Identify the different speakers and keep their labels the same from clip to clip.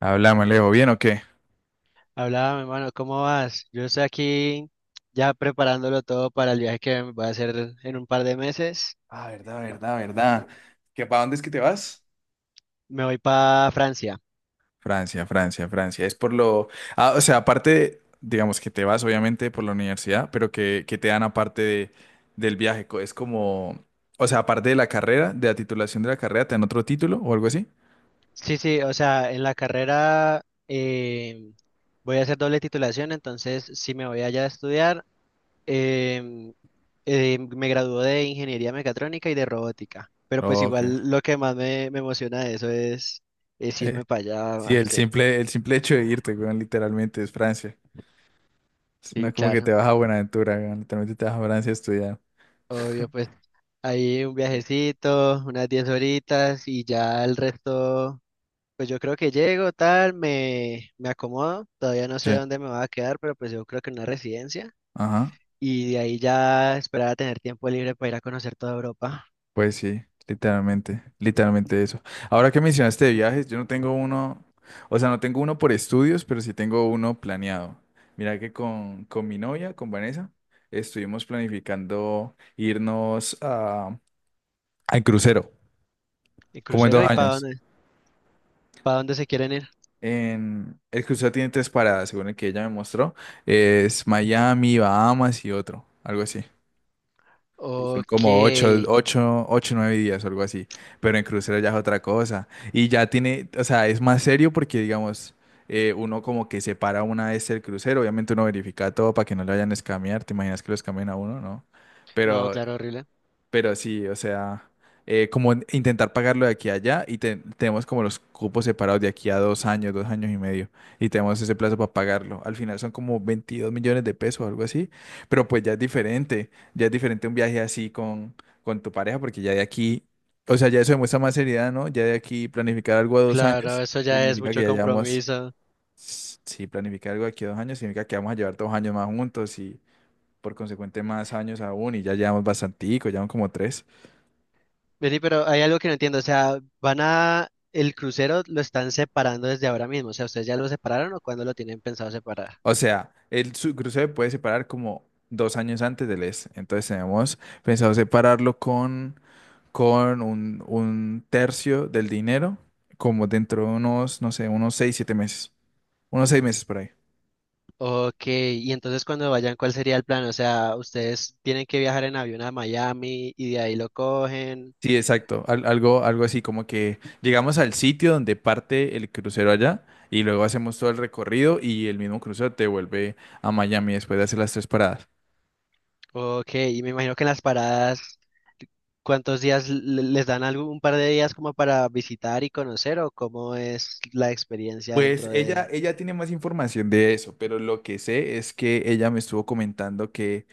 Speaker 1: Hablamos, Leo, ¿bien o qué?
Speaker 2: Hablaba, mi hermano, ¿cómo vas? Yo estoy aquí ya preparándolo todo para el viaje que voy a hacer en un par de meses.
Speaker 1: Ah, verdad, verdad, verdad. ¿Que para dónde es que te vas?
Speaker 2: Me voy para Francia.
Speaker 1: Francia, Francia, Francia. Es por lo. Ah, o sea, aparte, digamos que te vas obviamente por la universidad, pero que te dan aparte del viaje. Es como. O sea, aparte de la carrera, de la titulación de la carrera, ¿te dan otro título o algo así?
Speaker 2: Sí, sí, o sea, en la carrera eh, voy a hacer doble titulación, entonces sí me voy allá a estudiar. em, Me gradué de ingeniería mecatrónica y de robótica, pero pues
Speaker 1: Ok.
Speaker 2: igual lo que más me emociona de eso es
Speaker 1: Eh,
Speaker 2: irme para allá,
Speaker 1: sí, el
Speaker 2: parce.
Speaker 1: simple, el simple hecho de irte, weón, literalmente es Francia. No
Speaker 2: Sí,
Speaker 1: es como que te
Speaker 2: claro,
Speaker 1: vas a Buenaventura, weón, literalmente te vas a Francia a estudiar.
Speaker 2: obvio, pues ahí un viajecito, unas 10 horitas y ya el resto, pues yo creo que llego, tal, me acomodo, todavía no sé
Speaker 1: Sí.
Speaker 2: dónde me voy a quedar, pero pues yo creo que en una residencia
Speaker 1: Ajá.
Speaker 2: y de ahí ya esperar a tener tiempo libre para ir a conocer toda Europa.
Speaker 1: Pues sí, literalmente, literalmente eso. Ahora que mencionaste de viajes, yo no tengo uno, o sea, no tengo uno por estudios, pero sí tengo uno planeado. Mira que con mi novia, con Vanessa, estuvimos planificando irnos al crucero,
Speaker 2: ¿Y
Speaker 1: como en
Speaker 2: crucero y
Speaker 1: dos años.
Speaker 2: para dónde se quieren ir?
Speaker 1: El crucero tiene tres paradas, según el que ella me mostró. Es Miami, Bahamas y otro, algo así. Y son
Speaker 2: Ok.
Speaker 1: como ocho, nueve días o algo así. Pero en crucero ya es otra cosa. Y ya tiene, o sea, es más serio porque, digamos, uno como que separa una vez el crucero. Obviamente uno verifica todo para que no lo vayan a escamear. ¿Te imaginas que lo escamen a uno? No.
Speaker 2: No,
Speaker 1: Pero
Speaker 2: claro, horrible.
Speaker 1: pero sí, o sea, como intentar pagarlo de aquí a allá y tenemos como los cupos separados de aquí a dos años y medio y tenemos ese plazo para pagarlo. Al final son como 22 millones de pesos o algo así, pero pues ya es diferente un viaje así con tu pareja porque ya de aquí, o sea, ya eso demuestra más seriedad, ¿no? Ya de aquí planificar algo a dos
Speaker 2: Claro,
Speaker 1: años
Speaker 2: eso ya es
Speaker 1: significa que
Speaker 2: mucho
Speaker 1: ya llevamos,
Speaker 2: compromiso.
Speaker 1: sí, planificar algo de aquí a dos años significa que vamos a llevar dos años más juntos y por consecuente más años aún y ya llevamos bastantico, llevamos como tres.
Speaker 2: Vení, pero hay algo que no entiendo. O sea, van a… El crucero lo están separando desde ahora mismo. O sea, ¿ustedes ya lo separaron o cuándo lo tienen pensado separar?
Speaker 1: O sea, el crucero se puede separar como dos años antes del ES. Entonces tenemos pensado separarlo con un tercio del dinero, como dentro de unos, no sé, unos seis, siete meses. Unos seis meses por ahí.
Speaker 2: Ok. Y entonces cuando vayan, ¿cuál sería el plan? O sea, ¿ustedes tienen que viajar en avión a Miami y de ahí lo cogen?
Speaker 1: Sí, exacto. Algo así, como que llegamos al sitio donde parte el crucero allá y luego hacemos todo el recorrido y el mismo crucero te vuelve a Miami después de hacer las tres paradas.
Speaker 2: Ok. Y me imagino que en las paradas, ¿cuántos días les dan algún un par de días como para visitar y conocer o cómo es la experiencia
Speaker 1: Pues
Speaker 2: dentro de…
Speaker 1: ella tiene más información de eso, pero lo que sé es que ella me estuvo comentando que,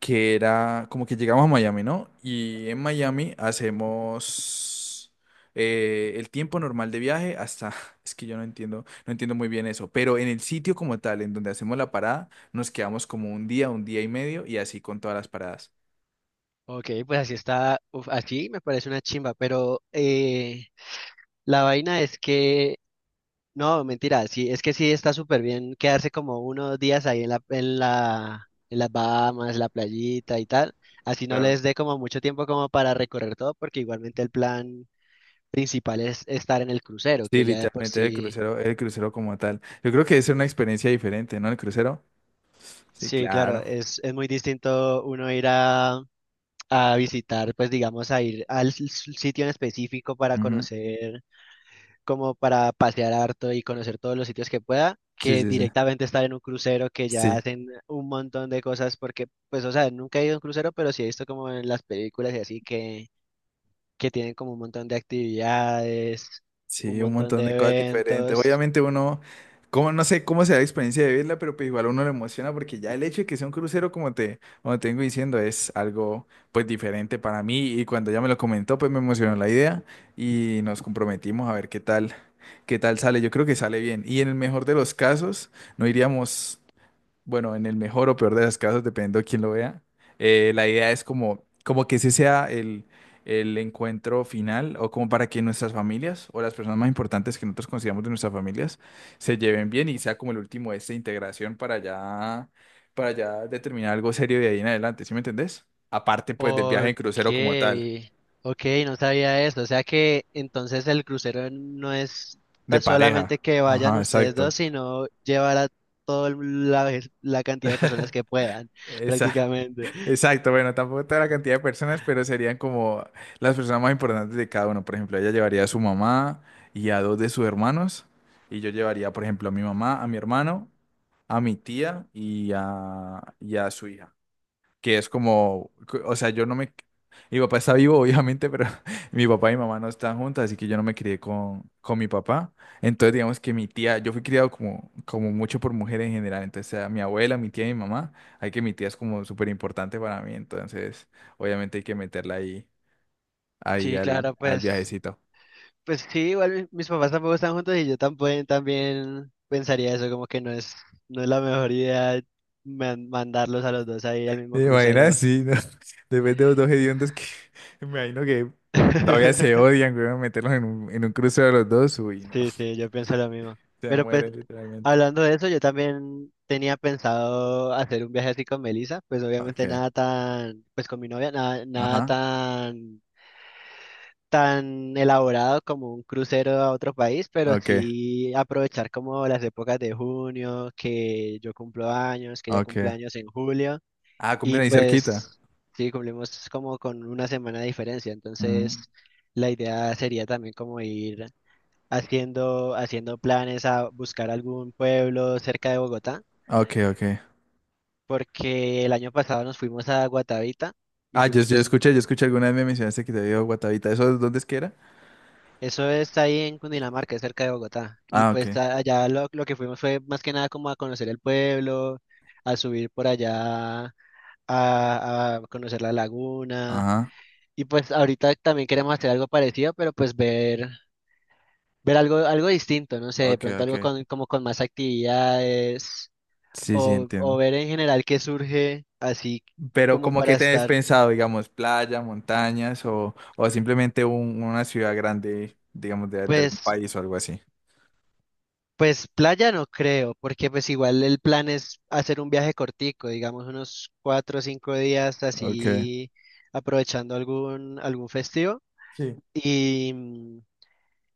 Speaker 1: que era como que llegamos a Miami, ¿no? Y en Miami hacemos el tiempo normal de viaje hasta, es que yo no entiendo, muy bien eso, pero en el sitio como tal, en donde hacemos la parada, nos quedamos como un día y medio y así con todas las paradas.
Speaker 2: Ok, pues así está, uf, así me parece una chimba, pero la vaina es que, no, mentira, sí, es que sí está súper bien quedarse como unos días ahí en las Bahamas, la playita y tal, así no
Speaker 1: Claro.
Speaker 2: les dé como mucho tiempo como para recorrer todo, porque igualmente el plan principal es estar en el crucero,
Speaker 1: Sí,
Speaker 2: que ya de por
Speaker 1: literalmente
Speaker 2: sí,
Speaker 1: el crucero como tal. Yo creo que es una experiencia diferente, ¿no? El crucero. Sí,
Speaker 2: sí, claro,
Speaker 1: claro.
Speaker 2: es muy distinto uno ir a… A visitar, pues digamos, a ir al sitio en específico para
Speaker 1: Ujú.
Speaker 2: conocer, como para pasear harto y conocer todos los sitios que pueda,
Speaker 1: Sí,
Speaker 2: que
Speaker 1: sí, sí.
Speaker 2: directamente estar en un crucero que ya
Speaker 1: Sí,
Speaker 2: hacen un montón de cosas porque, pues, o sea, nunca he ido a un crucero, pero sí he visto como en las películas y así que tienen como un montón de actividades, un
Speaker 1: sí, un
Speaker 2: montón
Speaker 1: montón
Speaker 2: de
Speaker 1: de cosas diferentes.
Speaker 2: eventos.
Speaker 1: Obviamente uno, como no sé cómo será la experiencia de verla, pero pues igual uno le emociona porque ya el hecho de que sea un crucero, como te vengo diciendo, es algo pues diferente para mí y cuando ella me lo comentó, pues me emocionó la idea y nos comprometimos a ver qué tal, sale. Yo creo que sale bien y en el mejor de los casos no iríamos bueno, en el mejor o peor de los casos, dependiendo de quién lo vea, la idea es como que ese sea el encuentro final o como para que nuestras familias o las personas más importantes que nosotros consideramos de nuestras familias se lleven bien y sea como el último de esta integración para ya, determinar algo serio de ahí en adelante, ¿sí me entendés? Aparte pues del viaje
Speaker 2: Ok,
Speaker 1: en crucero como tal,
Speaker 2: ok, no sabía eso. O sea que entonces el crucero no es
Speaker 1: de pareja.
Speaker 2: solamente que vayan
Speaker 1: Ajá,
Speaker 2: ustedes
Speaker 1: exacto.
Speaker 2: dos, sino llevar a la cantidad de personas que puedan
Speaker 1: Esa.
Speaker 2: prácticamente.
Speaker 1: Exacto, bueno, tampoco toda la cantidad de personas, pero serían como las personas más importantes de cada uno. Por ejemplo, ella llevaría a su mamá y a dos de sus hermanos, y yo llevaría, por ejemplo, a mi mamá, a mi hermano, a mi tía y y a su hija que es como, o sea, yo no me. Mi papá está vivo, obviamente, pero mi papá y mi mamá no están juntas, así que yo no me crié con mi papá. Entonces, digamos que mi tía, yo fui criado como mucho por mujeres en general. Entonces, a mi abuela, mi tía y mi mamá, hay que mi tía es como súper importante para mí. Entonces, obviamente hay que meterla ahí
Speaker 2: Sí,
Speaker 1: al,
Speaker 2: claro,
Speaker 1: al
Speaker 2: pues,
Speaker 1: viajecito.
Speaker 2: pues sí, igual mis papás tampoco están juntos y yo también, también pensaría eso, como que no es la mejor idea mandarlos a los dos ahí al mismo
Speaker 1: ¿Te
Speaker 2: crucero.
Speaker 1: imaginas? Sí, ¿no? Después de los dos hediondos que me imagino que todavía se odian, güey, meterlos en un crucero de los dos, uy, no,
Speaker 2: Sí, sí, yo pienso lo mismo.
Speaker 1: se
Speaker 2: Pero pues,
Speaker 1: mueren literalmente.
Speaker 2: hablando de eso, yo también tenía pensado hacer un viaje así con Melissa, pues obviamente
Speaker 1: Ok.
Speaker 2: nada tan, pues con mi novia, nada
Speaker 1: Ajá.
Speaker 2: tan tan elaborado como un crucero a otro país, pero
Speaker 1: Ok,
Speaker 2: sí aprovechar como las épocas de junio, que yo cumplo años, que ella cumple
Speaker 1: ok.
Speaker 2: años en julio,
Speaker 1: Ah,
Speaker 2: y
Speaker 1: cumplen ahí cerquita.
Speaker 2: pues sí, cumplimos como con una semana de diferencia, entonces
Speaker 1: Mm.
Speaker 2: la idea sería también como ir haciendo planes a buscar algún pueblo cerca de Bogotá,
Speaker 1: Ok, ok.
Speaker 2: porque el año pasado nos fuimos a Guatavita y
Speaker 1: Ah, yo,
Speaker 2: fuimos
Speaker 1: yo
Speaker 2: pues…
Speaker 1: escuché, yo escuché alguna vez me mencionaste que te había ido a Guatavita. ¿Eso dónde es que era?
Speaker 2: Eso está ahí en Cundinamarca, cerca de Bogotá. Y
Speaker 1: Ah, ok.
Speaker 2: pues allá lo que fuimos fue más que nada como a conocer el pueblo, a subir por allá, a conocer la laguna.
Speaker 1: Ajá.
Speaker 2: Y pues ahorita también queremos hacer algo parecido, pero pues ver algo, algo distinto, no sé, de
Speaker 1: Ok,
Speaker 2: pronto
Speaker 1: ok.
Speaker 2: algo con, como con más actividades
Speaker 1: Sí, sí,
Speaker 2: o
Speaker 1: entiendo.
Speaker 2: ver en general qué surge así
Speaker 1: Pero
Speaker 2: como
Speaker 1: como
Speaker 2: para
Speaker 1: que tenés
Speaker 2: estar.
Speaker 1: pensado, digamos, playa, montañas o simplemente una ciudad grande, digamos, de algún
Speaker 2: Pues
Speaker 1: país o algo así.
Speaker 2: Pues playa no creo, porque pues igual el plan es hacer un viaje cortico, digamos unos 4 o 5 días
Speaker 1: Ok.
Speaker 2: así aprovechando algún festivo.
Speaker 1: Sí.
Speaker 2: Y,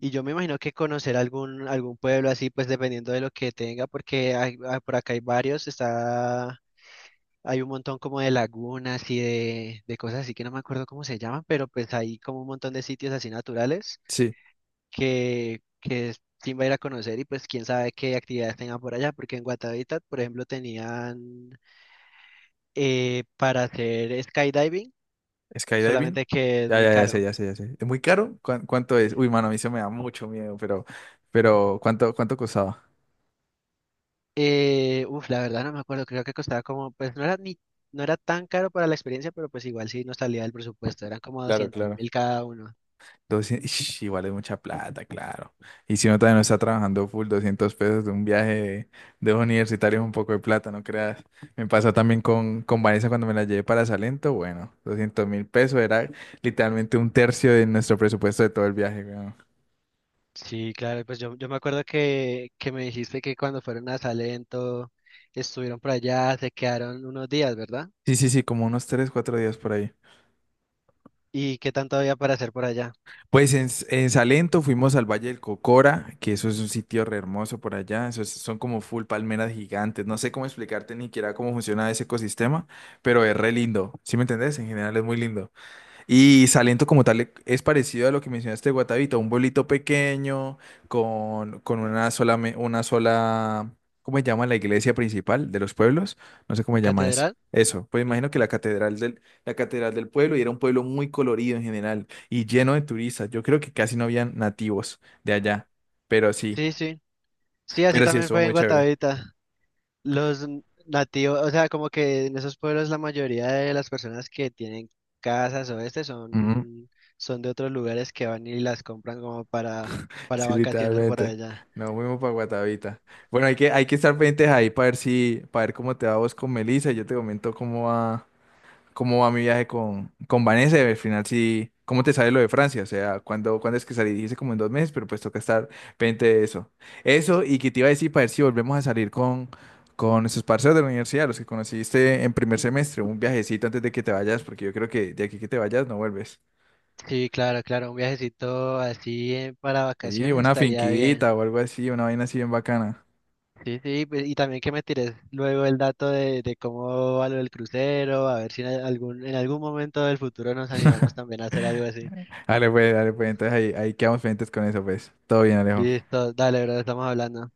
Speaker 2: y yo me imagino que conocer algún pueblo así, pues dependiendo de lo que tenga, porque por acá hay varios, está, hay un montón como de lagunas y de cosas así que no me acuerdo cómo se llaman, pero pues hay como un montón de sitios así naturales
Speaker 1: Sí.
Speaker 2: que sí va a ir a conocer y pues quién sabe qué actividades tengan por allá, porque en Guatavita, por ejemplo, tenían para hacer skydiving,
Speaker 1: Skydiving.
Speaker 2: solamente que es
Speaker 1: Ya,
Speaker 2: muy
Speaker 1: ya, ya sé,
Speaker 2: caro.
Speaker 1: ya sé, ya sé. ¿Es muy caro? ¿Cuánto es? Uy, mano, a mí se me da mucho miedo, pero ¿cuánto costaba?
Speaker 2: Uf, la verdad no me acuerdo, creo que costaba como, pues no era tan caro para la experiencia, pero pues igual sí nos salía del presupuesto, eran como
Speaker 1: Claro,
Speaker 2: doscientos
Speaker 1: claro.
Speaker 2: mil cada uno.
Speaker 1: 200, ish, igual es mucha plata, claro. Y si uno todavía no está trabajando full, 200 pesos de un viaje de los universitarios es un poco de plata, no creas. Me pasó también con Vanessa cuando me la llevé para Salento, bueno, 200 mil pesos era literalmente un tercio de nuestro presupuesto de todo el viaje, weón.
Speaker 2: Sí, claro, pues yo me acuerdo que me dijiste que cuando fueron a Salento estuvieron por allá, se quedaron unos días, ¿verdad?
Speaker 1: Sí, sí, sí, como unos 3, 4 días por ahí.
Speaker 2: ¿Y qué tanto había para hacer por allá?
Speaker 1: Pues en Salento fuimos al Valle del Cocora, que eso es un sitio re hermoso por allá. Son como full palmeras gigantes. No sé cómo explicarte ni siquiera cómo funciona ese ecosistema, pero es re lindo. ¿Sí me entendés? En general es muy lindo. Y Salento como tal es parecido a lo que mencionaste de Guatavita, un pueblito pequeño con una sola, ¿cómo se llama la iglesia principal de los pueblos? No sé cómo se llama eso.
Speaker 2: ¿Catedral?
Speaker 1: Eso, pues
Speaker 2: ¿No?
Speaker 1: imagino que la catedral del pueblo y era un pueblo muy colorido en general y lleno de turistas. Yo creo que casi no habían nativos de allá, pero sí,
Speaker 2: Sí, sí. Sí, así
Speaker 1: pero sí
Speaker 2: también
Speaker 1: estuvo
Speaker 2: fue en
Speaker 1: muy chévere.
Speaker 2: Guatavita. Los nativos, o sea, como que en esos pueblos la mayoría de las personas que tienen casas o este son de otros lugares que van y las compran como para
Speaker 1: Sí,
Speaker 2: vacacionar por
Speaker 1: literalmente.
Speaker 2: allá.
Speaker 1: Nos fuimos para Guatavita. Bueno, hay que estar pendientes ahí para ver si, para ver cómo te va vos con Melissa. Y yo te comento cómo va mi viaje con Vanessa. Y al final sí, cómo te sale lo de Francia. O sea, cuándo es que salí. Dice como en 2 meses, pero pues toca estar pendiente de eso. Eso, y que te iba a decir para ver si volvemos a salir con esos parceros de la universidad, los que conociste en primer semestre, un viajecito antes de que te vayas, porque yo creo que de aquí que te vayas no vuelves.
Speaker 2: Sí, claro, claro, un viajecito así para
Speaker 1: Sí,
Speaker 2: vacaciones
Speaker 1: una
Speaker 2: estaría bien.
Speaker 1: finquita o algo así, una vaina así bien bacana.
Speaker 2: Sí, sí, pues, y también que me tires luego el dato de cómo va lo del crucero, a ver si en algún, en algún momento del futuro nos animamos también a hacer algo así.
Speaker 1: Dale, pues, dale, pues. Entonces ahí quedamos pendientes con eso, pues. Todo bien, Alejo.
Speaker 2: Listo, dale, bro, estamos hablando.